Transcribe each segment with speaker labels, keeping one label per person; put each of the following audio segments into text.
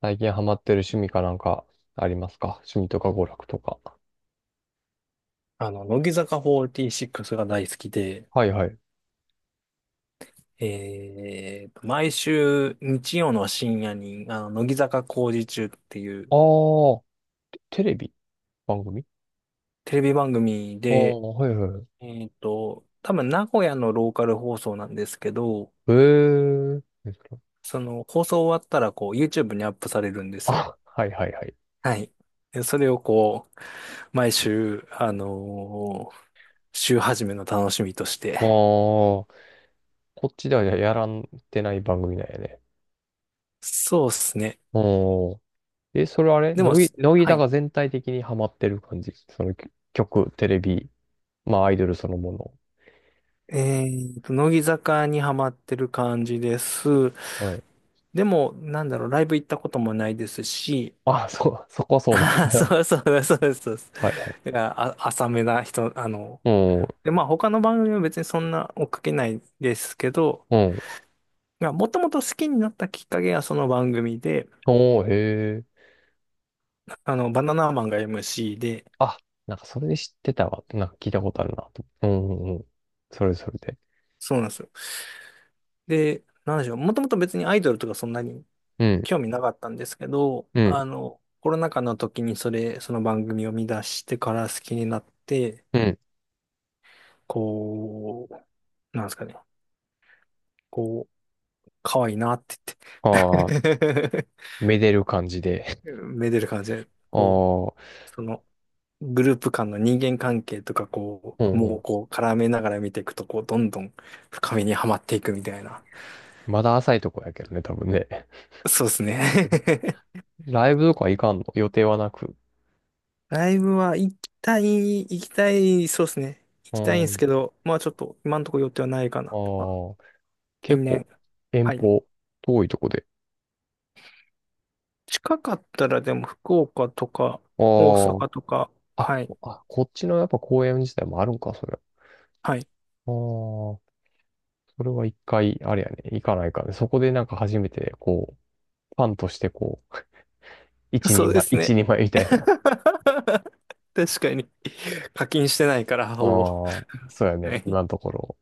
Speaker 1: 最近ハマってる趣味かなんかありますか？趣味とか娯楽とか。
Speaker 2: 乃木坂46が大好きで、
Speaker 1: はいはい。
Speaker 2: 毎週日曜の深夜に、乃木坂工事中ってい
Speaker 1: あ
Speaker 2: う
Speaker 1: あ、テレビ番組。
Speaker 2: テレビ番組
Speaker 1: ああー、
Speaker 2: で、
Speaker 1: はいはい。
Speaker 2: 多分名古屋のローカル放送なんですけど、
Speaker 1: ええですか？
Speaker 2: その放送終わったらこう YouTube にアップされるんですよ。
Speaker 1: あ、はいはいはい。
Speaker 2: はい。で、それをこう、毎週、週始めの楽しみとし
Speaker 1: ああ、
Speaker 2: て。
Speaker 1: こっちではやらんてない番組なんやね。
Speaker 2: そうですね。
Speaker 1: おー。え、それあれ
Speaker 2: でも、
Speaker 1: 乃木、乃木
Speaker 2: はい。
Speaker 1: 坂全体的にハマってる感じ？その曲テレビ、まあアイドルそのも
Speaker 2: え乃木坂にハマってる感じです。
Speaker 1: の。はい。
Speaker 2: でも、なんだろう、ライブ行ったこともないですし、
Speaker 1: あ、そう、そこは そうなん
Speaker 2: あー
Speaker 1: や。
Speaker 2: そうそうです、そうです、そうです。
Speaker 1: はいはい。
Speaker 2: だから、あ、浅めな人、
Speaker 1: うん、
Speaker 2: まあ他の番組は別にそんな追っかけないですけど、
Speaker 1: うん。
Speaker 2: まあ、もともと好きになったきっかけがその番組で、
Speaker 1: おー、へえ。
Speaker 2: バナナマンが MC で、
Speaker 1: あ、なんかそれで知ってたわ。なんか聞いたことあるなと。うんうんうん。それそれで。
Speaker 2: そうなんですよ。で、なんでしょう、もともと別にアイドルとかそんなに
Speaker 1: うん、
Speaker 2: 興味なかったんですけど、
Speaker 1: うん、
Speaker 2: コロナ禍の時にその番組を見出してから好きになって、
Speaker 1: うん。
Speaker 2: こう、なんですかね、こう、可愛いなって言っ
Speaker 1: ああ、
Speaker 2: て
Speaker 1: めでる感じで。
Speaker 2: めでる感じで、
Speaker 1: ああ、う
Speaker 2: その、グループ間の人間関係とか、こ
Speaker 1: ん
Speaker 2: う、
Speaker 1: う
Speaker 2: もう
Speaker 1: ん。
Speaker 2: こう、絡めながら見ていくと、こう、どんどん深みにはまっていくみたいな。
Speaker 1: まだ浅いとこやけどね、多分ね。
Speaker 2: そうですね。
Speaker 1: ライブとか行かんの？予定はなく。
Speaker 2: ライブは行きたい、そうですね。行
Speaker 1: う
Speaker 2: きたいんです
Speaker 1: ん。
Speaker 2: けど、まあちょっと今のところ予定はないか
Speaker 1: あ
Speaker 2: なと。まあ、
Speaker 1: あ、
Speaker 2: 近
Speaker 1: 結構
Speaker 2: 年。
Speaker 1: 遠
Speaker 2: はい。
Speaker 1: 方、遠いとこで。
Speaker 2: 近かったらでも福岡とか大
Speaker 1: あ
Speaker 2: 阪とか、
Speaker 1: あ、
Speaker 2: はい。
Speaker 1: こっちのやっぱ公園自体もあるんか、それ。ああ、
Speaker 2: はい。
Speaker 1: それは一回、あれやね、行かないかね。そこでなんか初めて、こう、ファンとしてこう、一人前、一
Speaker 2: そうですね。
Speaker 1: 人前み たいな。ああ、
Speaker 2: 確かに。課金してないから、ほぼ。
Speaker 1: そうや
Speaker 2: は
Speaker 1: ね、
Speaker 2: い。
Speaker 1: 今のところ。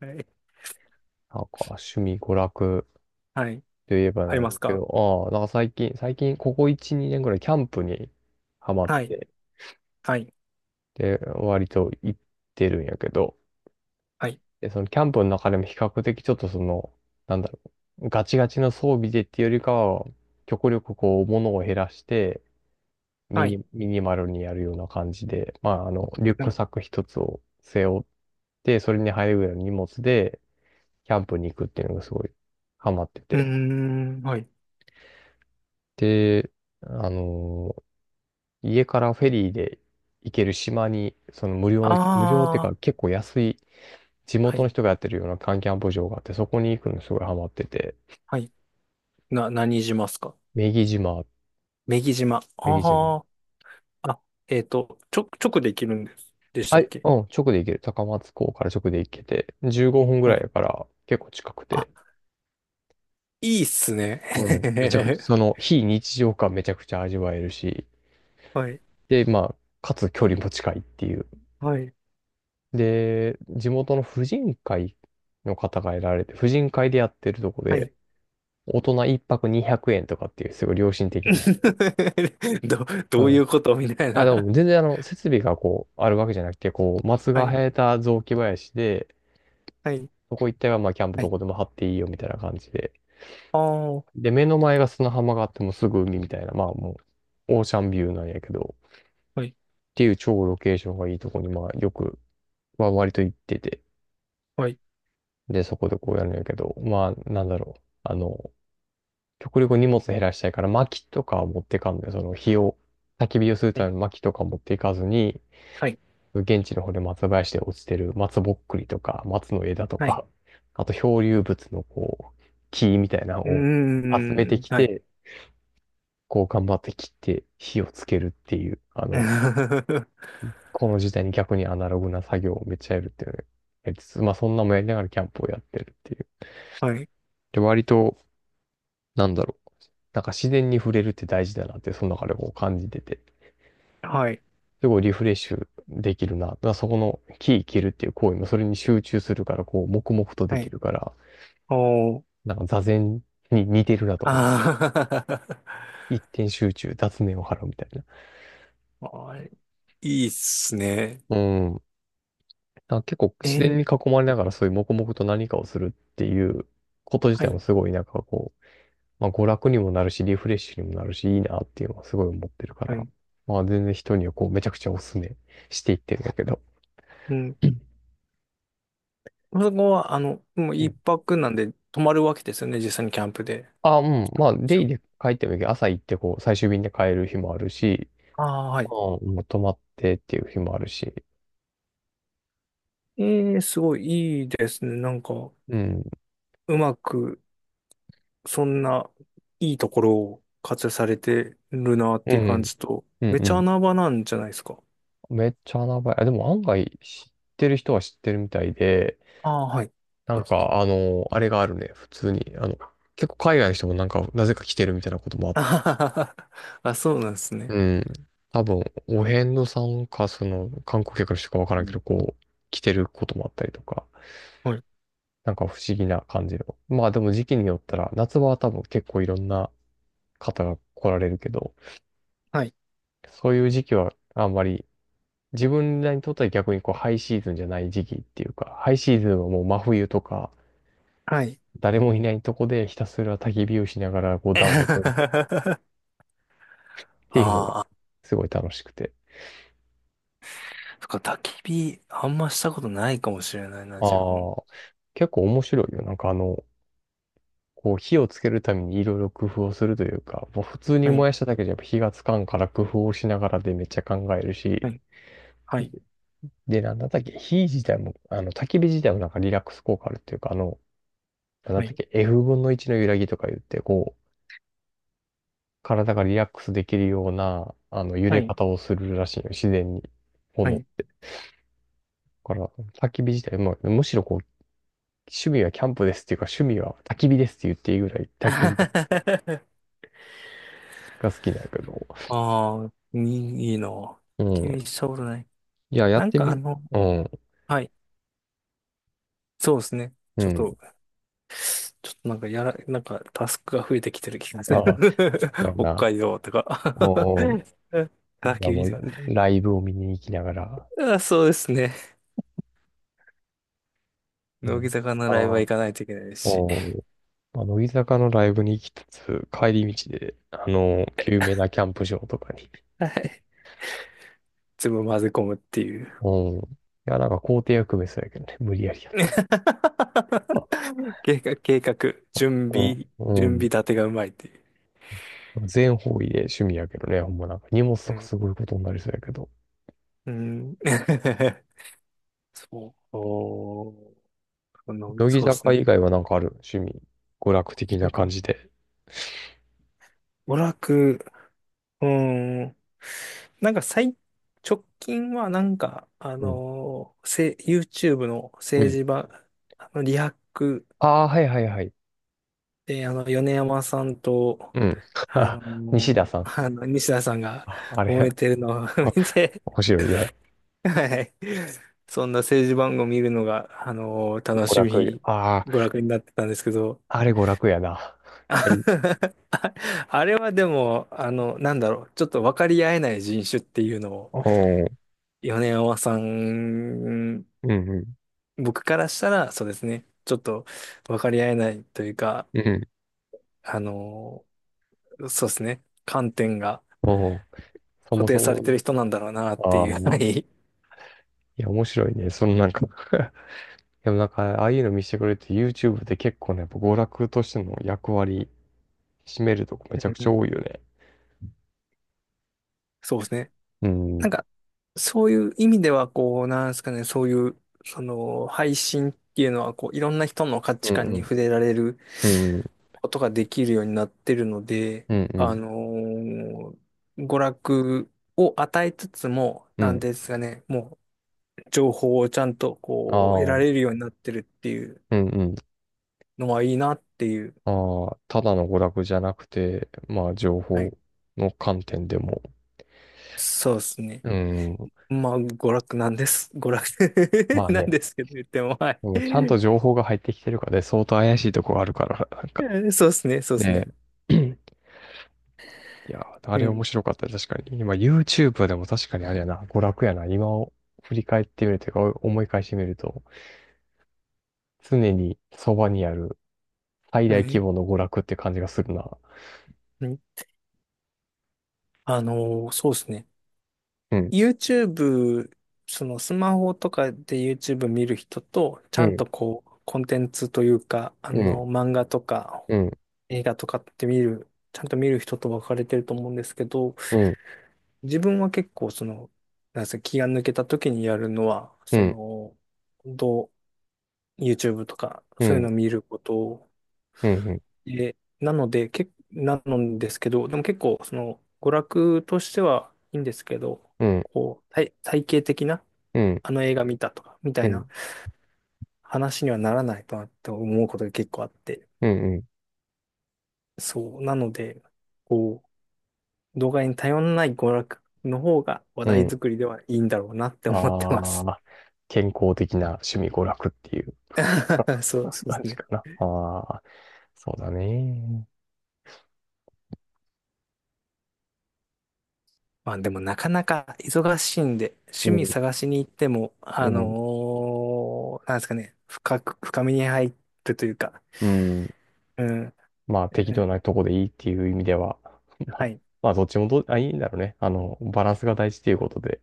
Speaker 2: はい。
Speaker 1: なんか、趣味、娯楽
Speaker 2: はい。
Speaker 1: といえば
Speaker 2: あり
Speaker 1: なん
Speaker 2: ま
Speaker 1: だ
Speaker 2: す
Speaker 1: け
Speaker 2: か？
Speaker 1: ど、ああ、なんか最近、ここ1、2年ぐらいキャンプにハマっ
Speaker 2: はい。
Speaker 1: て、
Speaker 2: はい。
Speaker 1: で、割と行ってるんやけど、
Speaker 2: はい。
Speaker 1: で、そのキャンプの中でも比較的ちょっとその、なんだろう、ガチガチの装備でっていうよりかは、極力こう、物を減らして、
Speaker 2: はい。
Speaker 1: ミニマルにやるような感じで、まあ、あの、リュッ
Speaker 2: は
Speaker 1: ク
Speaker 2: い。
Speaker 1: サック一つを背負って、それに入るぐらいの荷物で、キャンプに行くっていうのがすごいハマって
Speaker 2: うー
Speaker 1: て。
Speaker 2: ん。はい。
Speaker 1: で、あのー家からフェリーで行ける島に、その無料の、無料っていう
Speaker 2: あ
Speaker 1: か
Speaker 2: あ。
Speaker 1: 結構安い地
Speaker 2: は
Speaker 1: 元の
Speaker 2: い。
Speaker 1: 人がやってるような缶キャンプ場があって、そこに行くのすごいハマってて。
Speaker 2: はい。何島っすか？
Speaker 1: 女木島、
Speaker 2: 女木島。
Speaker 1: 女木島。
Speaker 2: ああ。あ、えっと、直できるんです。でした
Speaker 1: は
Speaker 2: っ
Speaker 1: い、
Speaker 2: け？
Speaker 1: うん、直で行ける。高松港から直で行けて、15分ぐら
Speaker 2: は
Speaker 1: い
Speaker 2: い。
Speaker 1: だから結構近く
Speaker 2: あ、
Speaker 1: て、
Speaker 2: いいっすね。
Speaker 1: もうめちゃくちゃ、そ の非日常感めちゃくちゃ味わえるし、
Speaker 2: はい。
Speaker 1: で、まあ、かつ距離も近いっていう。
Speaker 2: はい。
Speaker 1: で、地元の婦人会の方がいられて、婦人会でやってるとこ
Speaker 2: はい。
Speaker 1: で、大人一泊200円とかっていう、すごい良心的な。
Speaker 2: ど、
Speaker 1: う
Speaker 2: どうい
Speaker 1: ん。
Speaker 2: うことみたい
Speaker 1: あ、で
Speaker 2: な。
Speaker 1: も全然あの、設備がこう、あるわけじゃなくて、こう、松
Speaker 2: は
Speaker 1: が
Speaker 2: い。
Speaker 1: 生えた雑木林で、
Speaker 2: はい。
Speaker 1: そこ一帯はまあ、キャンプ
Speaker 2: は
Speaker 1: ど
Speaker 2: い。
Speaker 1: こでも張っていいよみたいな感じで。
Speaker 2: ああ、は
Speaker 1: で、目の前が砂浜があってもうすぐ海みたいな、まあもう、オーシャンビューなんやけど、っ
Speaker 2: い。
Speaker 1: ていう超ロケーションがいいとこに、まあ、よく、は割と行ってて、
Speaker 2: はい。
Speaker 1: で、そこでこうやるんやけど、まあ、なんだろう。あの、極力荷物減らしたいから、薪とかを持ってかんのよ。その火を、焚き火をする
Speaker 2: は
Speaker 1: た
Speaker 2: い。
Speaker 1: めの薪とか持っていかずに、
Speaker 2: はい。
Speaker 1: 現地の方で松林で落ちてる松ぼっくりとか、松の枝と
Speaker 2: はい。
Speaker 1: か、あと漂流物のこう、木みたいなの
Speaker 2: うー
Speaker 1: を集めて
Speaker 2: ん。
Speaker 1: き
Speaker 2: はい。
Speaker 1: て、こう頑張って切って火をつけるっていう、あの、この時代に逆にアナログな作業をめっちゃやるっていうのをやりつつ、まあそんなもやりながらキャンプをやってるっていう。
Speaker 2: はい。
Speaker 1: で、割と、なんだろう、なんか自然に触れるって大事だなって、その中でこう感じてて。
Speaker 2: はい。
Speaker 1: すごいリフレッシュできるな。だからそこの木切るっていう行為もそれに集中するから、こう、黙々とで
Speaker 2: は
Speaker 1: き
Speaker 2: い。
Speaker 1: るから、
Speaker 2: おー。
Speaker 1: なんか座禅に似てるなと思うよ。
Speaker 2: あ
Speaker 1: 一点集中、雑念を払うみたい
Speaker 2: ー。 あー、いいっすね。
Speaker 1: な。うん。なんか結構
Speaker 2: え
Speaker 1: 自然に
Speaker 2: ー。
Speaker 1: 囲まれながらそういう黙々と何かをするっていうこと自
Speaker 2: は
Speaker 1: 体も
Speaker 2: い。
Speaker 1: すごいなんかこう、まあ娯楽にもなるし、リフレッシュにもなるし、いいなっていうのはすごい思ってるか
Speaker 2: は
Speaker 1: ら、
Speaker 2: い。
Speaker 1: まあ全然人にはこうめちゃくちゃおすすめしていってるんだけど。
Speaker 2: うん。そこは、あの、もう
Speaker 1: う
Speaker 2: 一
Speaker 1: ん、
Speaker 2: 泊なんで泊まるわけですよね、実際にキャンプで。も
Speaker 1: あ、うん。まあ、
Speaker 2: ち
Speaker 1: デ
Speaker 2: ろ
Speaker 1: イ
Speaker 2: ん。
Speaker 1: で帰ってもいいけど、朝行ってこう、最終便で帰る日もあるし、
Speaker 2: ああ、は
Speaker 1: まあ、
Speaker 2: い。
Speaker 1: もう泊まってっていう日もあるし。
Speaker 2: ええ、すごいいいですね。なんか、
Speaker 1: うん。
Speaker 2: うまく、そんないいところを活用されてるなっ
Speaker 1: う
Speaker 2: ていう感
Speaker 1: ん。
Speaker 2: じと、
Speaker 1: う
Speaker 2: めちゃ
Speaker 1: ん
Speaker 2: 穴場なんじゃないですか？
Speaker 1: うん。めっちゃ穴場や。あでも案外知ってる人は知ってるみたいで、
Speaker 2: ああ、はい。
Speaker 1: なんか、あの、あれがあるね。普通に。あの、結構海外の人もなんか、なぜか来てるみたいなこともあ っ
Speaker 2: あ
Speaker 1: た。
Speaker 2: はは。はあ、そうなんですね。
Speaker 1: うん。多分、お遍路さんか、その、観光客の人かわから
Speaker 2: う
Speaker 1: んけ
Speaker 2: ん。
Speaker 1: ど、こう、来てることもあったりとか。
Speaker 2: はい。
Speaker 1: なんか不思議な感じの。まあでも時期によったら、夏場は多分結構いろんな方が来られるけど、
Speaker 2: はい。
Speaker 1: そういう時期はあんまり、自分らにとっては逆にこうハイシーズンじゃない時期っていうか、ハイシーズンはもう真冬とか、
Speaker 2: はい。
Speaker 1: 誰もいないとこでひたすら焚き火をしながらこう暖を取る っていうのが
Speaker 2: ああ、
Speaker 1: すごい楽しくて。
Speaker 2: そっか、焚き火、あんましたことないかもしれないな、自分。
Speaker 1: ああ、結構面白いよ。なんかあの、こう火をつけるためにいろいろ工夫をするというか、もう普通に
Speaker 2: はい。
Speaker 1: 燃やしただけじゃやっぱ火がつかんから工夫をしながらでめっちゃ考える
Speaker 2: は
Speaker 1: し、
Speaker 2: い。はい。
Speaker 1: で、なんだったっけ、火自体も、あの、焚き火自体もなんかリラックス効果あるっていうか、あの、なんだっ
Speaker 2: は
Speaker 1: たっ
Speaker 2: い。
Speaker 1: け、F 分の1の揺らぎとか言って、こう、体がリラックスできるような、あの、揺
Speaker 2: は
Speaker 1: れ
Speaker 2: い。
Speaker 1: 方をするらしいよ、自然に。
Speaker 2: は
Speaker 1: 炎。
Speaker 2: い。
Speaker 1: だから、焚き火自体も、むしろこう、趣味はキャンプですっていうか、趣味は焚き火ですって言っていいぐらい
Speaker 2: あ。
Speaker 1: 焚き火が が好きなんやけど。
Speaker 2: あー、いいな。
Speaker 1: うん。
Speaker 2: 気したうとない。
Speaker 1: いや、や
Speaker 2: な
Speaker 1: っ
Speaker 2: ん
Speaker 1: て
Speaker 2: かあ
Speaker 1: み、
Speaker 2: の、
Speaker 1: うん、
Speaker 2: はい。そうですね。
Speaker 1: う
Speaker 2: ちょっ
Speaker 1: ん。
Speaker 2: と、ちょっとなんかなんかタスクが増えてきてる気がする。
Speaker 1: ああ、そ うや
Speaker 2: 北
Speaker 1: な。
Speaker 2: 海道とか。
Speaker 1: おお、い
Speaker 2: あ、
Speaker 1: や、も
Speaker 2: 厳し
Speaker 1: う
Speaker 2: い。
Speaker 1: ラ、ライブを見に行きながら。
Speaker 2: あ、そうですね。
Speaker 1: う
Speaker 2: 乃木
Speaker 1: ん、
Speaker 2: 坂の
Speaker 1: ああ、
Speaker 2: ライブは
Speaker 1: お
Speaker 2: 行かないといけないし。
Speaker 1: お、まあ、乃木坂のライブに行きつつ、帰り道で、あの、有名なキャンプ場とかに。
Speaker 2: はい。全部混ぜ込むっていう。
Speaker 1: うん。いや、なんか校庭役目そうやけどね、無理やりやった。
Speaker 2: 計画、準
Speaker 1: う
Speaker 2: 備、準
Speaker 1: ん。
Speaker 2: 備
Speaker 1: う
Speaker 2: 立てがうまいっていう。
Speaker 1: ん。全方位で趣味やけどね、ほんまなんか荷物
Speaker 2: う
Speaker 1: とか
Speaker 2: ん。
Speaker 1: すごいことになりそうやけど。
Speaker 2: うん。そう。おー、
Speaker 1: 乃木
Speaker 2: そうです
Speaker 1: 坂以
Speaker 2: ね。
Speaker 1: 外はなんかある趣味？娯楽
Speaker 2: い
Speaker 1: 的な
Speaker 2: と
Speaker 1: 感
Speaker 2: か、
Speaker 1: じで。
Speaker 2: 娯楽、うーん。なんか最、直近はなんか、
Speaker 1: うん。
Speaker 2: YouTube の
Speaker 1: う
Speaker 2: 政
Speaker 1: ん。
Speaker 2: 治場、リハック
Speaker 1: ああ、はいはいはい。
Speaker 2: で、米山さんと、
Speaker 1: うん。
Speaker 2: あの
Speaker 1: 西
Speaker 2: ー、
Speaker 1: 田さん。
Speaker 2: 西田さんが
Speaker 1: あ、あ
Speaker 2: 揉
Speaker 1: れ、
Speaker 2: めてるのを 見て、
Speaker 1: 面白いね。
Speaker 2: はい。そんな政治番組見るのが、楽
Speaker 1: 娯
Speaker 2: し
Speaker 1: 楽、
Speaker 2: み、
Speaker 1: あ
Speaker 2: 娯楽になってたんですけど、
Speaker 1: あ、あれ娯楽やな。はい。
Speaker 2: あ、あれはでも、なんだろう、ちょっと分かり合えない人種っていうのを、
Speaker 1: うん。
Speaker 2: 米山さん、
Speaker 1: うんうん。
Speaker 2: 僕からしたら、そうですね、ちょっと分かり合えないというか、
Speaker 1: うん。
Speaker 2: あの、そうですね、観点が
Speaker 1: おう、そ
Speaker 2: 固
Speaker 1: も
Speaker 2: 定
Speaker 1: そ
Speaker 2: され
Speaker 1: も、
Speaker 2: てる人なんだろうなって
Speaker 1: あ
Speaker 2: いう、は
Speaker 1: あ、
Speaker 2: い。
Speaker 1: いや、面白いね。そのなんか でもなんか、ああいうの見せてくれて、YouTube で結構ね、やっぱ娯楽としての役割、占めるとこめち
Speaker 2: う
Speaker 1: ゃくちゃ
Speaker 2: ん。
Speaker 1: 多いよね。
Speaker 2: そうですね。
Speaker 1: うん。う
Speaker 2: なん
Speaker 1: ん
Speaker 2: か、そういう意味では、こう、なんですかね、そういう、その、配信っていうのは、こう、いろんな人の価値
Speaker 1: う
Speaker 2: 観に
Speaker 1: ん。
Speaker 2: 触れられる
Speaker 1: うんうん。
Speaker 2: ことができるようになってるので、
Speaker 1: う
Speaker 2: あ
Speaker 1: ん
Speaker 2: のー娯楽を与えつつも、
Speaker 1: う
Speaker 2: なん
Speaker 1: ん。
Speaker 2: ですがね、もう情報をちゃんと
Speaker 1: あ
Speaker 2: こう得ら
Speaker 1: あ、
Speaker 2: れるようになってるっていう
Speaker 1: うんうん。
Speaker 2: のはいいなっていう。
Speaker 1: ああ、ただの娯楽じゃなくて、まあ、情
Speaker 2: はい。
Speaker 1: 報の観点でも。
Speaker 2: そうですね。
Speaker 1: うん。
Speaker 2: まあ、娯楽なんです。娯楽
Speaker 1: まあ
Speaker 2: なん
Speaker 1: ね、
Speaker 2: ですけど、言っても、は
Speaker 1: でもちゃんと
Speaker 2: い。
Speaker 1: 情報が入ってきてるかで、相当怪しいとこがあるから、なんか。
Speaker 2: そうですね、そうです
Speaker 1: ね
Speaker 2: ね。
Speaker 1: え。いやー、あ
Speaker 2: う
Speaker 1: れ面
Speaker 2: ん。
Speaker 1: 白かった。確かに。今 YouTube でも確かにあれやな、娯楽やな。今を振り返ってみるというか、思い返してみると、常にそばにある最
Speaker 2: は
Speaker 1: 大規
Speaker 2: い。
Speaker 1: 模の娯楽って感じがするな。
Speaker 2: うん。そうですね。
Speaker 1: うん、
Speaker 2: YouTube、そのスマホとかで YouTube 見る人と、ち
Speaker 1: う
Speaker 2: ゃん
Speaker 1: ん、
Speaker 2: とこう、コンテンツというか、
Speaker 1: うん、
Speaker 2: 漫画とか
Speaker 1: うん、
Speaker 2: 映画とかって見る、ちゃんと見る人と分かれてると思うんですけど、
Speaker 1: うん、
Speaker 2: 自分は結構その、なんで気が抜けた時にやるのは、
Speaker 1: う
Speaker 2: そ
Speaker 1: ん、
Speaker 2: の、どう YouTube とか、
Speaker 1: う
Speaker 2: そういうの
Speaker 1: ん、
Speaker 2: を見ること
Speaker 1: うん、うん、うん、
Speaker 2: で、なのですけど、でも結構、その、娯楽としてはいいんですけど、
Speaker 1: うん、
Speaker 2: こう、体系的な、
Speaker 1: うん、
Speaker 2: あの映画見たとか、みたいな話にはならないとなって思うことが結構あって。
Speaker 1: うん、
Speaker 2: そう。なので、こう、動画に頼らない娯楽の方が話
Speaker 1: う
Speaker 2: 題
Speaker 1: ん。
Speaker 2: 作りではいいんだろうなって思って
Speaker 1: あ
Speaker 2: ます。
Speaker 1: あ、健康的な趣味娯楽っていう
Speaker 2: そう です
Speaker 1: 感じ
Speaker 2: ね。
Speaker 1: かな。ああ、そうだね。
Speaker 2: まあでもなかなか忙しいんで、
Speaker 1: う
Speaker 2: 趣味
Speaker 1: ん、
Speaker 2: 探しに行っても、
Speaker 1: うん、
Speaker 2: なんですかね、深く、深みに入ってというか、
Speaker 1: うん。
Speaker 2: うん、
Speaker 1: まあ適
Speaker 2: う
Speaker 1: 度
Speaker 2: ん。
Speaker 1: なとこでいいっていう意味では、ま
Speaker 2: は
Speaker 1: あ、
Speaker 2: い、
Speaker 1: まあどっちもどう、あ、いいんだろうね。あの、バランスが大事ということで、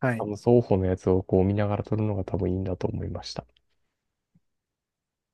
Speaker 2: は
Speaker 1: あ
Speaker 2: い。
Speaker 1: の、双方のやつをこう見ながら撮るのが多分いいんだと思いました。